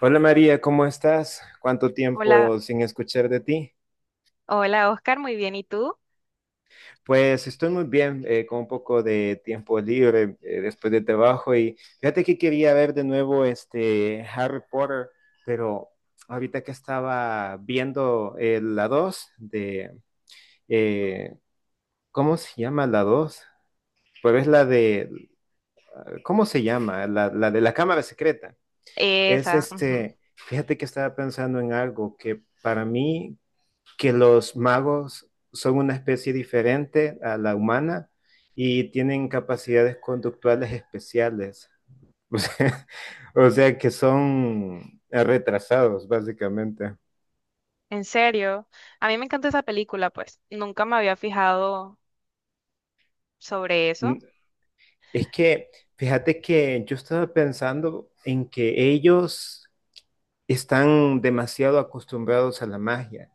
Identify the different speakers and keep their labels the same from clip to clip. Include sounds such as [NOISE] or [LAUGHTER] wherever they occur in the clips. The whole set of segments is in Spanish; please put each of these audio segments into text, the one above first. Speaker 1: Hola María, ¿cómo estás? ¿Cuánto
Speaker 2: Hola,
Speaker 1: tiempo sin escuchar de ti?
Speaker 2: hola Oscar, muy bien. ¿Y tú?
Speaker 1: Pues estoy muy bien, con un poco de tiempo libre después de trabajo y fíjate que quería ver de nuevo este Harry Potter, pero ahorita que estaba viendo la 2 de, eh, ¿cómo se llama la dos? Pues es la de, ¿cómo se llama? La de la cámara secreta. Es
Speaker 2: Esa, ujú.
Speaker 1: este, fíjate que estaba pensando en algo, que para mí que los magos son una especie diferente a la humana y tienen capacidades conductuales especiales. [LAUGHS] O sea, o sea que son retrasados, básicamente.
Speaker 2: En serio, a mí me encanta esa película, pues nunca me había fijado sobre
Speaker 1: Mm.
Speaker 2: eso.
Speaker 1: Es que, fíjate que yo estaba pensando en que ellos están demasiado acostumbrados a la magia.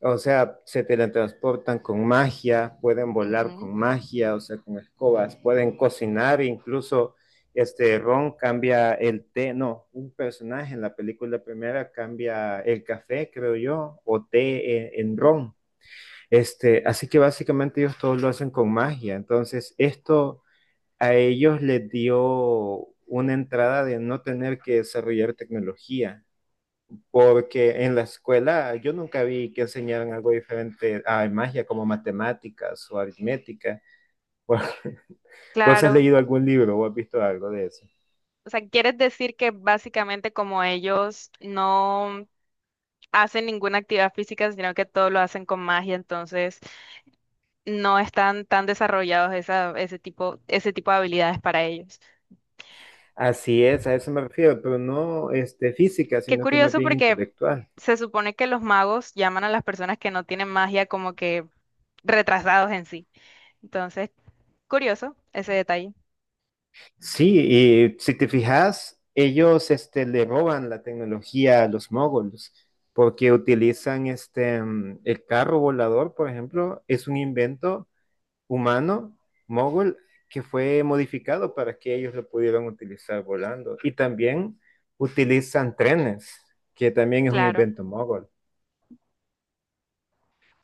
Speaker 1: O sea, se teletransportan con magia, pueden volar
Speaker 2: Ujú.
Speaker 1: con magia, o sea, con escobas, pueden cocinar, incluso este Ron cambia el té, no, un personaje en la película primera cambia el café, creo yo, o té en Ron. Este, así que básicamente ellos todos lo hacen con magia. Entonces, esto a ellos les dio una entrada de no tener que desarrollar tecnología. Porque en la escuela yo nunca vi que enseñaran algo diferente a magia como matemáticas o aritmética. [LAUGHS] ¿Vos vos has
Speaker 2: Claro,
Speaker 1: leído algún libro o has visto algo de eso?
Speaker 2: o sea, ¿quieres decir que básicamente como ellos no hacen ninguna actividad física, sino que todo lo hacen con magia, entonces no están tan desarrollados ese tipo de habilidades para ellos?
Speaker 1: Así es, a eso me refiero, pero no este, física,
Speaker 2: Qué
Speaker 1: sino que más
Speaker 2: curioso
Speaker 1: bien
Speaker 2: porque
Speaker 1: intelectual.
Speaker 2: se supone que los magos llaman a las personas que no tienen magia como que retrasados en sí. Entonces, curioso ese detalle.
Speaker 1: Sí, y si te fijas, ellos este, le roban la tecnología a los moguls, porque utilizan este, el carro volador, por ejemplo, es un invento humano, mogul, que fue modificado para que ellos lo pudieran utilizar volando. Y también utilizan trenes, que también es un
Speaker 2: Claro,
Speaker 1: invento mogol.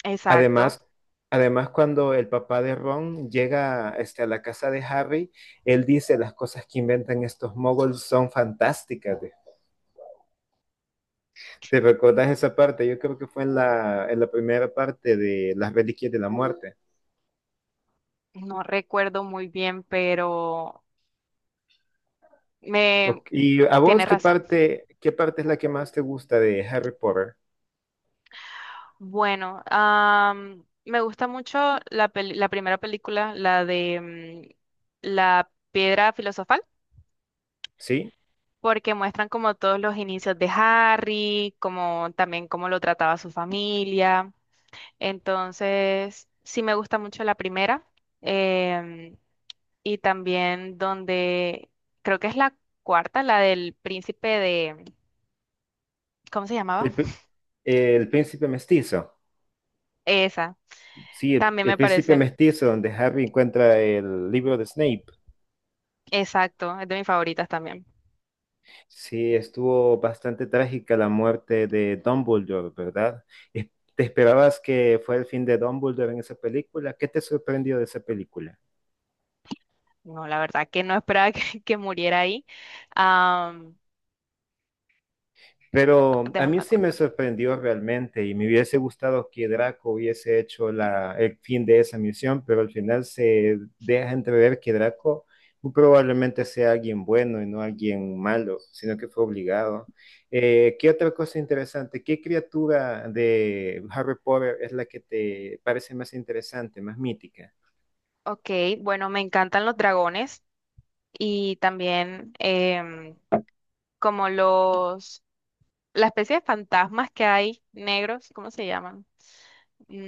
Speaker 2: exacto.
Speaker 1: Además, además cuando el papá de Ron llega este, a la casa de Harry, él dice las cosas que inventan estos mogols son fantásticas. ¿Te recuerdas esa parte? Yo creo que fue en la primera parte de Las Reliquias de la Muerte.
Speaker 2: No recuerdo muy bien, pero me
Speaker 1: Ok, ¿y a vos
Speaker 2: tiene razón.
Speaker 1: qué parte es la que más te gusta de Harry Potter?
Speaker 2: Bueno, me gusta mucho la primera película, la de la piedra filosofal,
Speaker 1: ¿Sí?
Speaker 2: porque muestran como todos los inicios de Harry, como también cómo lo trataba su familia. Entonces, sí me gusta mucho la primera em, y también donde creo que es la cuarta, la del príncipe de, ¿cómo se llamaba?
Speaker 1: El, el príncipe mestizo.
Speaker 2: Esa,
Speaker 1: Sí,
Speaker 2: también
Speaker 1: el
Speaker 2: me
Speaker 1: príncipe
Speaker 2: parece,
Speaker 1: mestizo, donde Harry encuentra el libro de Snape.
Speaker 2: exacto, es de mis favoritas también.
Speaker 1: Sí, estuvo bastante trágica la muerte de Dumbledore, ¿verdad? Es- ¿Te esperabas que fuera el fin de Dumbledore en esa película? ¿Qué te sorprendió de esa película?
Speaker 2: No, la verdad que no esperaba [LAUGHS] que muriera ahí. Am,
Speaker 1: Pero a mí
Speaker 2: Déjame
Speaker 1: sí me
Speaker 2: acordar.
Speaker 1: sorprendió realmente y me hubiese gustado que Draco hubiese hecho la, el fin de esa misión, pero al final se deja entrever que Draco muy probablemente sea alguien bueno y no alguien malo, sino que fue obligado. ¿Qué otra cosa interesante? ¿Qué criatura de Harry Potter es la que te parece más interesante, más mítica?
Speaker 2: Ok, bueno, me encantan los dragones y también em, como la especie de fantasmas que hay negros, ¿cómo se llaman?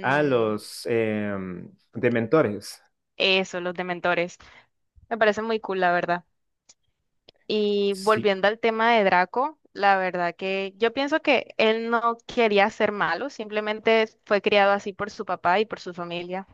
Speaker 1: A los dementores.
Speaker 2: eso, los dementores. Me parece muy cool, la verdad. Y
Speaker 1: Sí,
Speaker 2: volviendo al tema de Draco, la verdad que yo pienso que él no quería ser malo, simplemente fue criado así por su papá y por su familia.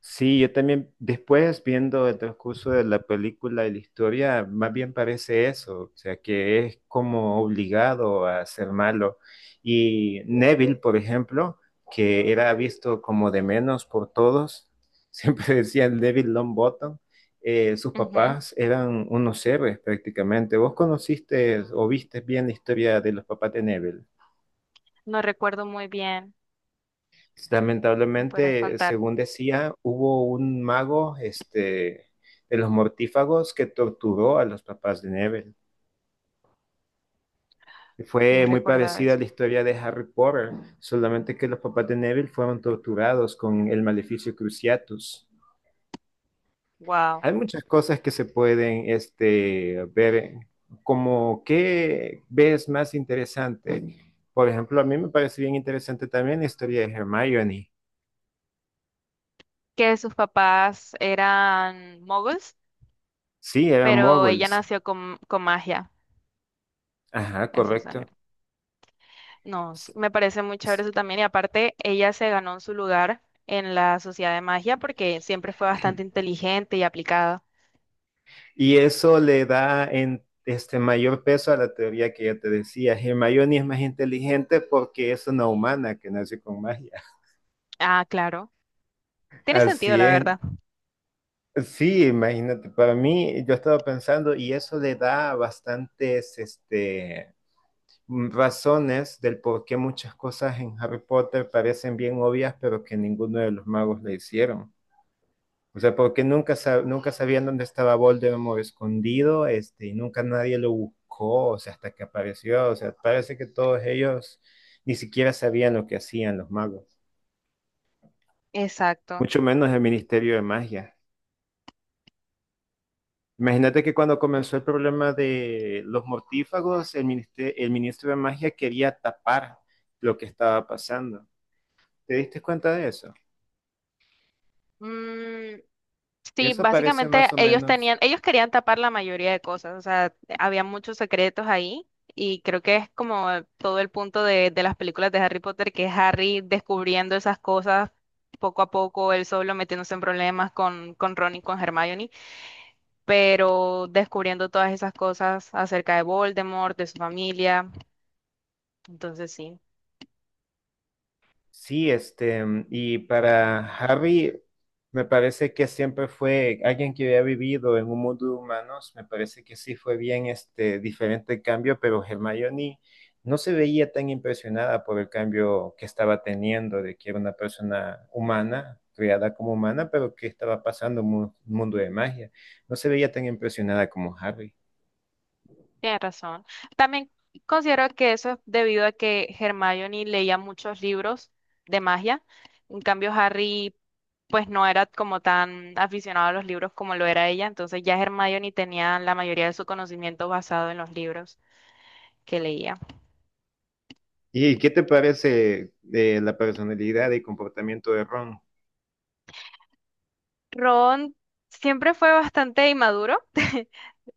Speaker 1: sí, yo también, después viendo el transcurso de la película y la historia, más bien parece eso, o sea, que es como obligado a ser malo. Y Neville, por ejemplo, que era visto como de menos por todos, [LAUGHS] siempre decían Neville Longbottom, sus
Speaker 2: Ujú.
Speaker 1: papás eran unos héroes prácticamente. ¿Vos conociste o viste bien la historia de los papás de Neville?
Speaker 2: No recuerdo muy bien,
Speaker 1: Pues,
Speaker 2: me podrías
Speaker 1: lamentablemente,
Speaker 2: contar.
Speaker 1: según decía, hubo un mago, este, de los mortífagos que torturó a los papás de Neville.
Speaker 2: No
Speaker 1: Fue muy
Speaker 2: recordaba
Speaker 1: parecida a
Speaker 2: eso.
Speaker 1: la historia de Harry Potter, solamente que los papás de Neville fueron torturados con el maleficio Cruciatus.
Speaker 2: Wow.
Speaker 1: Hay muchas cosas que se pueden, este, ver, como qué ves más interesante. Por ejemplo, a mí me parece bien interesante también la historia de Hermione.
Speaker 2: Que sus papás eran muggles,
Speaker 1: Sí, eran
Speaker 2: pero ella
Speaker 1: muggles.
Speaker 2: nació con magia.
Speaker 1: Ajá,
Speaker 2: Eso es.
Speaker 1: correcto.
Speaker 2: No, sí, me parece muy chévere
Speaker 1: Pues,
Speaker 2: eso también. Y aparte, ella se ganó su lugar en la sociedad de magia porque siempre fue bastante
Speaker 1: [CLEARS THROAT]
Speaker 2: inteligente y aplicada.
Speaker 1: y eso le da en este mayor peso a la teoría que ya te decía. Hermione es más inteligente porque es una humana que nace con magia.
Speaker 2: Ah, claro.
Speaker 1: [LAUGHS]
Speaker 2: Tiene sentido,
Speaker 1: Así
Speaker 2: la
Speaker 1: es.
Speaker 2: verdad.
Speaker 1: Sí, imagínate, para mí yo estaba pensando y eso le da bastantes este, razones del por qué muchas cosas en Harry Potter parecen bien obvias, pero que ninguno de los magos le hicieron. O sea, porque nunca, nunca sabían dónde estaba Voldemort escondido, este, y nunca nadie lo buscó, o sea, hasta que apareció. O sea, parece que todos ellos ni siquiera sabían lo que hacían los magos,
Speaker 2: Exacto.
Speaker 1: mucho menos el Ministerio de Magia. Imagínate que cuando comenzó el problema de los mortífagos, el, el ministro de Magia quería tapar lo que estaba pasando. ¿Te diste cuenta de eso?
Speaker 2: Mm, sí,
Speaker 1: Eso parece
Speaker 2: básicamente
Speaker 1: más o menos.
Speaker 2: ellos querían tapar la mayoría de cosas. O sea, había muchos secretos ahí. Y creo que es como todo el punto de las películas de Harry Potter, que es Harry descubriendo esas cosas poco a poco, él solo metiéndose en problemas con Ron y con Hermione, pero descubriendo todas esas cosas acerca de Voldemort, de su familia. Entonces sí,
Speaker 1: Sí, este, y para Harry, me parece que siempre fue alguien que había vivido en un mundo de humanos, me parece que sí fue bien este diferente el cambio, pero Hermione no se veía tan impresionada por el cambio que estaba teniendo, de que era una persona humana, criada como humana, pero que estaba pasando en un mundo de magia. No se veía tan impresionada como Harry.
Speaker 2: tienes razón. También considero que eso es debido a que Hermione leía muchos libros de magia. En cambio, Harry, pues no era como tan aficionado a los libros como lo era ella. Entonces ya Hermione tenía la mayoría de su conocimiento basado en los libros que leía.
Speaker 1: ¿Y qué te parece de la personalidad y comportamiento de Ron?
Speaker 2: Ron siempre fue bastante inmaduro. [LAUGHS]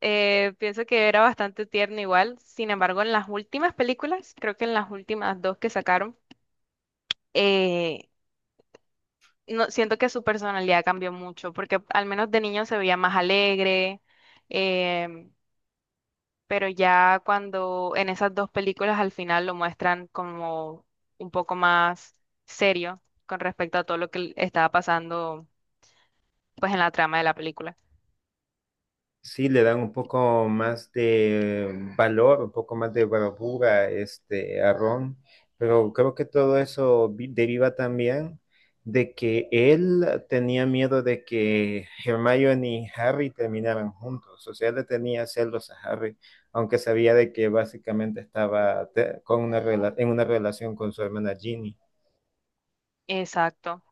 Speaker 2: Pienso que era bastante tierno igual. Sin embargo, en las últimas películas, creo que en las últimas dos que sacaron, eh, no, siento que su personalidad cambió mucho, porque al menos de niño se veía más alegre, em, pero ya cuando en esas dos películas al final lo muestran como un poco más serio con respecto a todo lo que estaba pasando pues en la trama de la película.
Speaker 1: Sí le dan un poco más de valor, un poco más de bravura este, a Ron, pero creo que todo eso deriva también de que él tenía miedo de que Hermione y Harry terminaran juntos, o sea, él le tenía celos a Harry, aunque sabía de que básicamente estaba con una en una relación con su hermana Ginny.
Speaker 2: Exacto.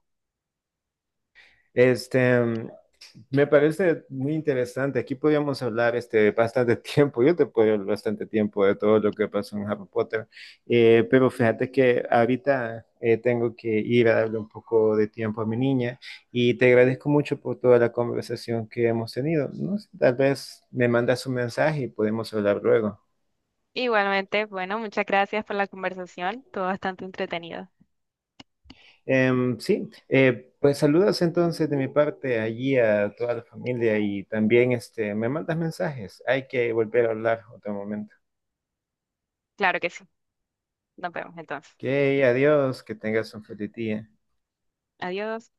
Speaker 1: Este, me parece muy interesante. Aquí podríamos hablar este, bastante [LAUGHS] tiempo. Yo te puedo hablar bastante tiempo de todo lo que pasó en Harry Potter. Pero fíjate que ahorita tengo que ir a darle un poco de tiempo a mi niña y te agradezco mucho por toda la conversación que hemos tenido. No sé, tal vez me mandas un mensaje y podemos hablar luego.
Speaker 2: Igualmente, bueno, muchas gracias por la conversación, todo bastante entretenido.
Speaker 1: Em, sí, pues saludos entonces de mi parte allí a toda la familia y también este, me mandas mensajes. Hay que volver a hablar otro momento.
Speaker 2: Claro que sí. Nos vemos entonces.
Speaker 1: Ok, adiós, que tengas un feliz día.
Speaker 2: Adiós.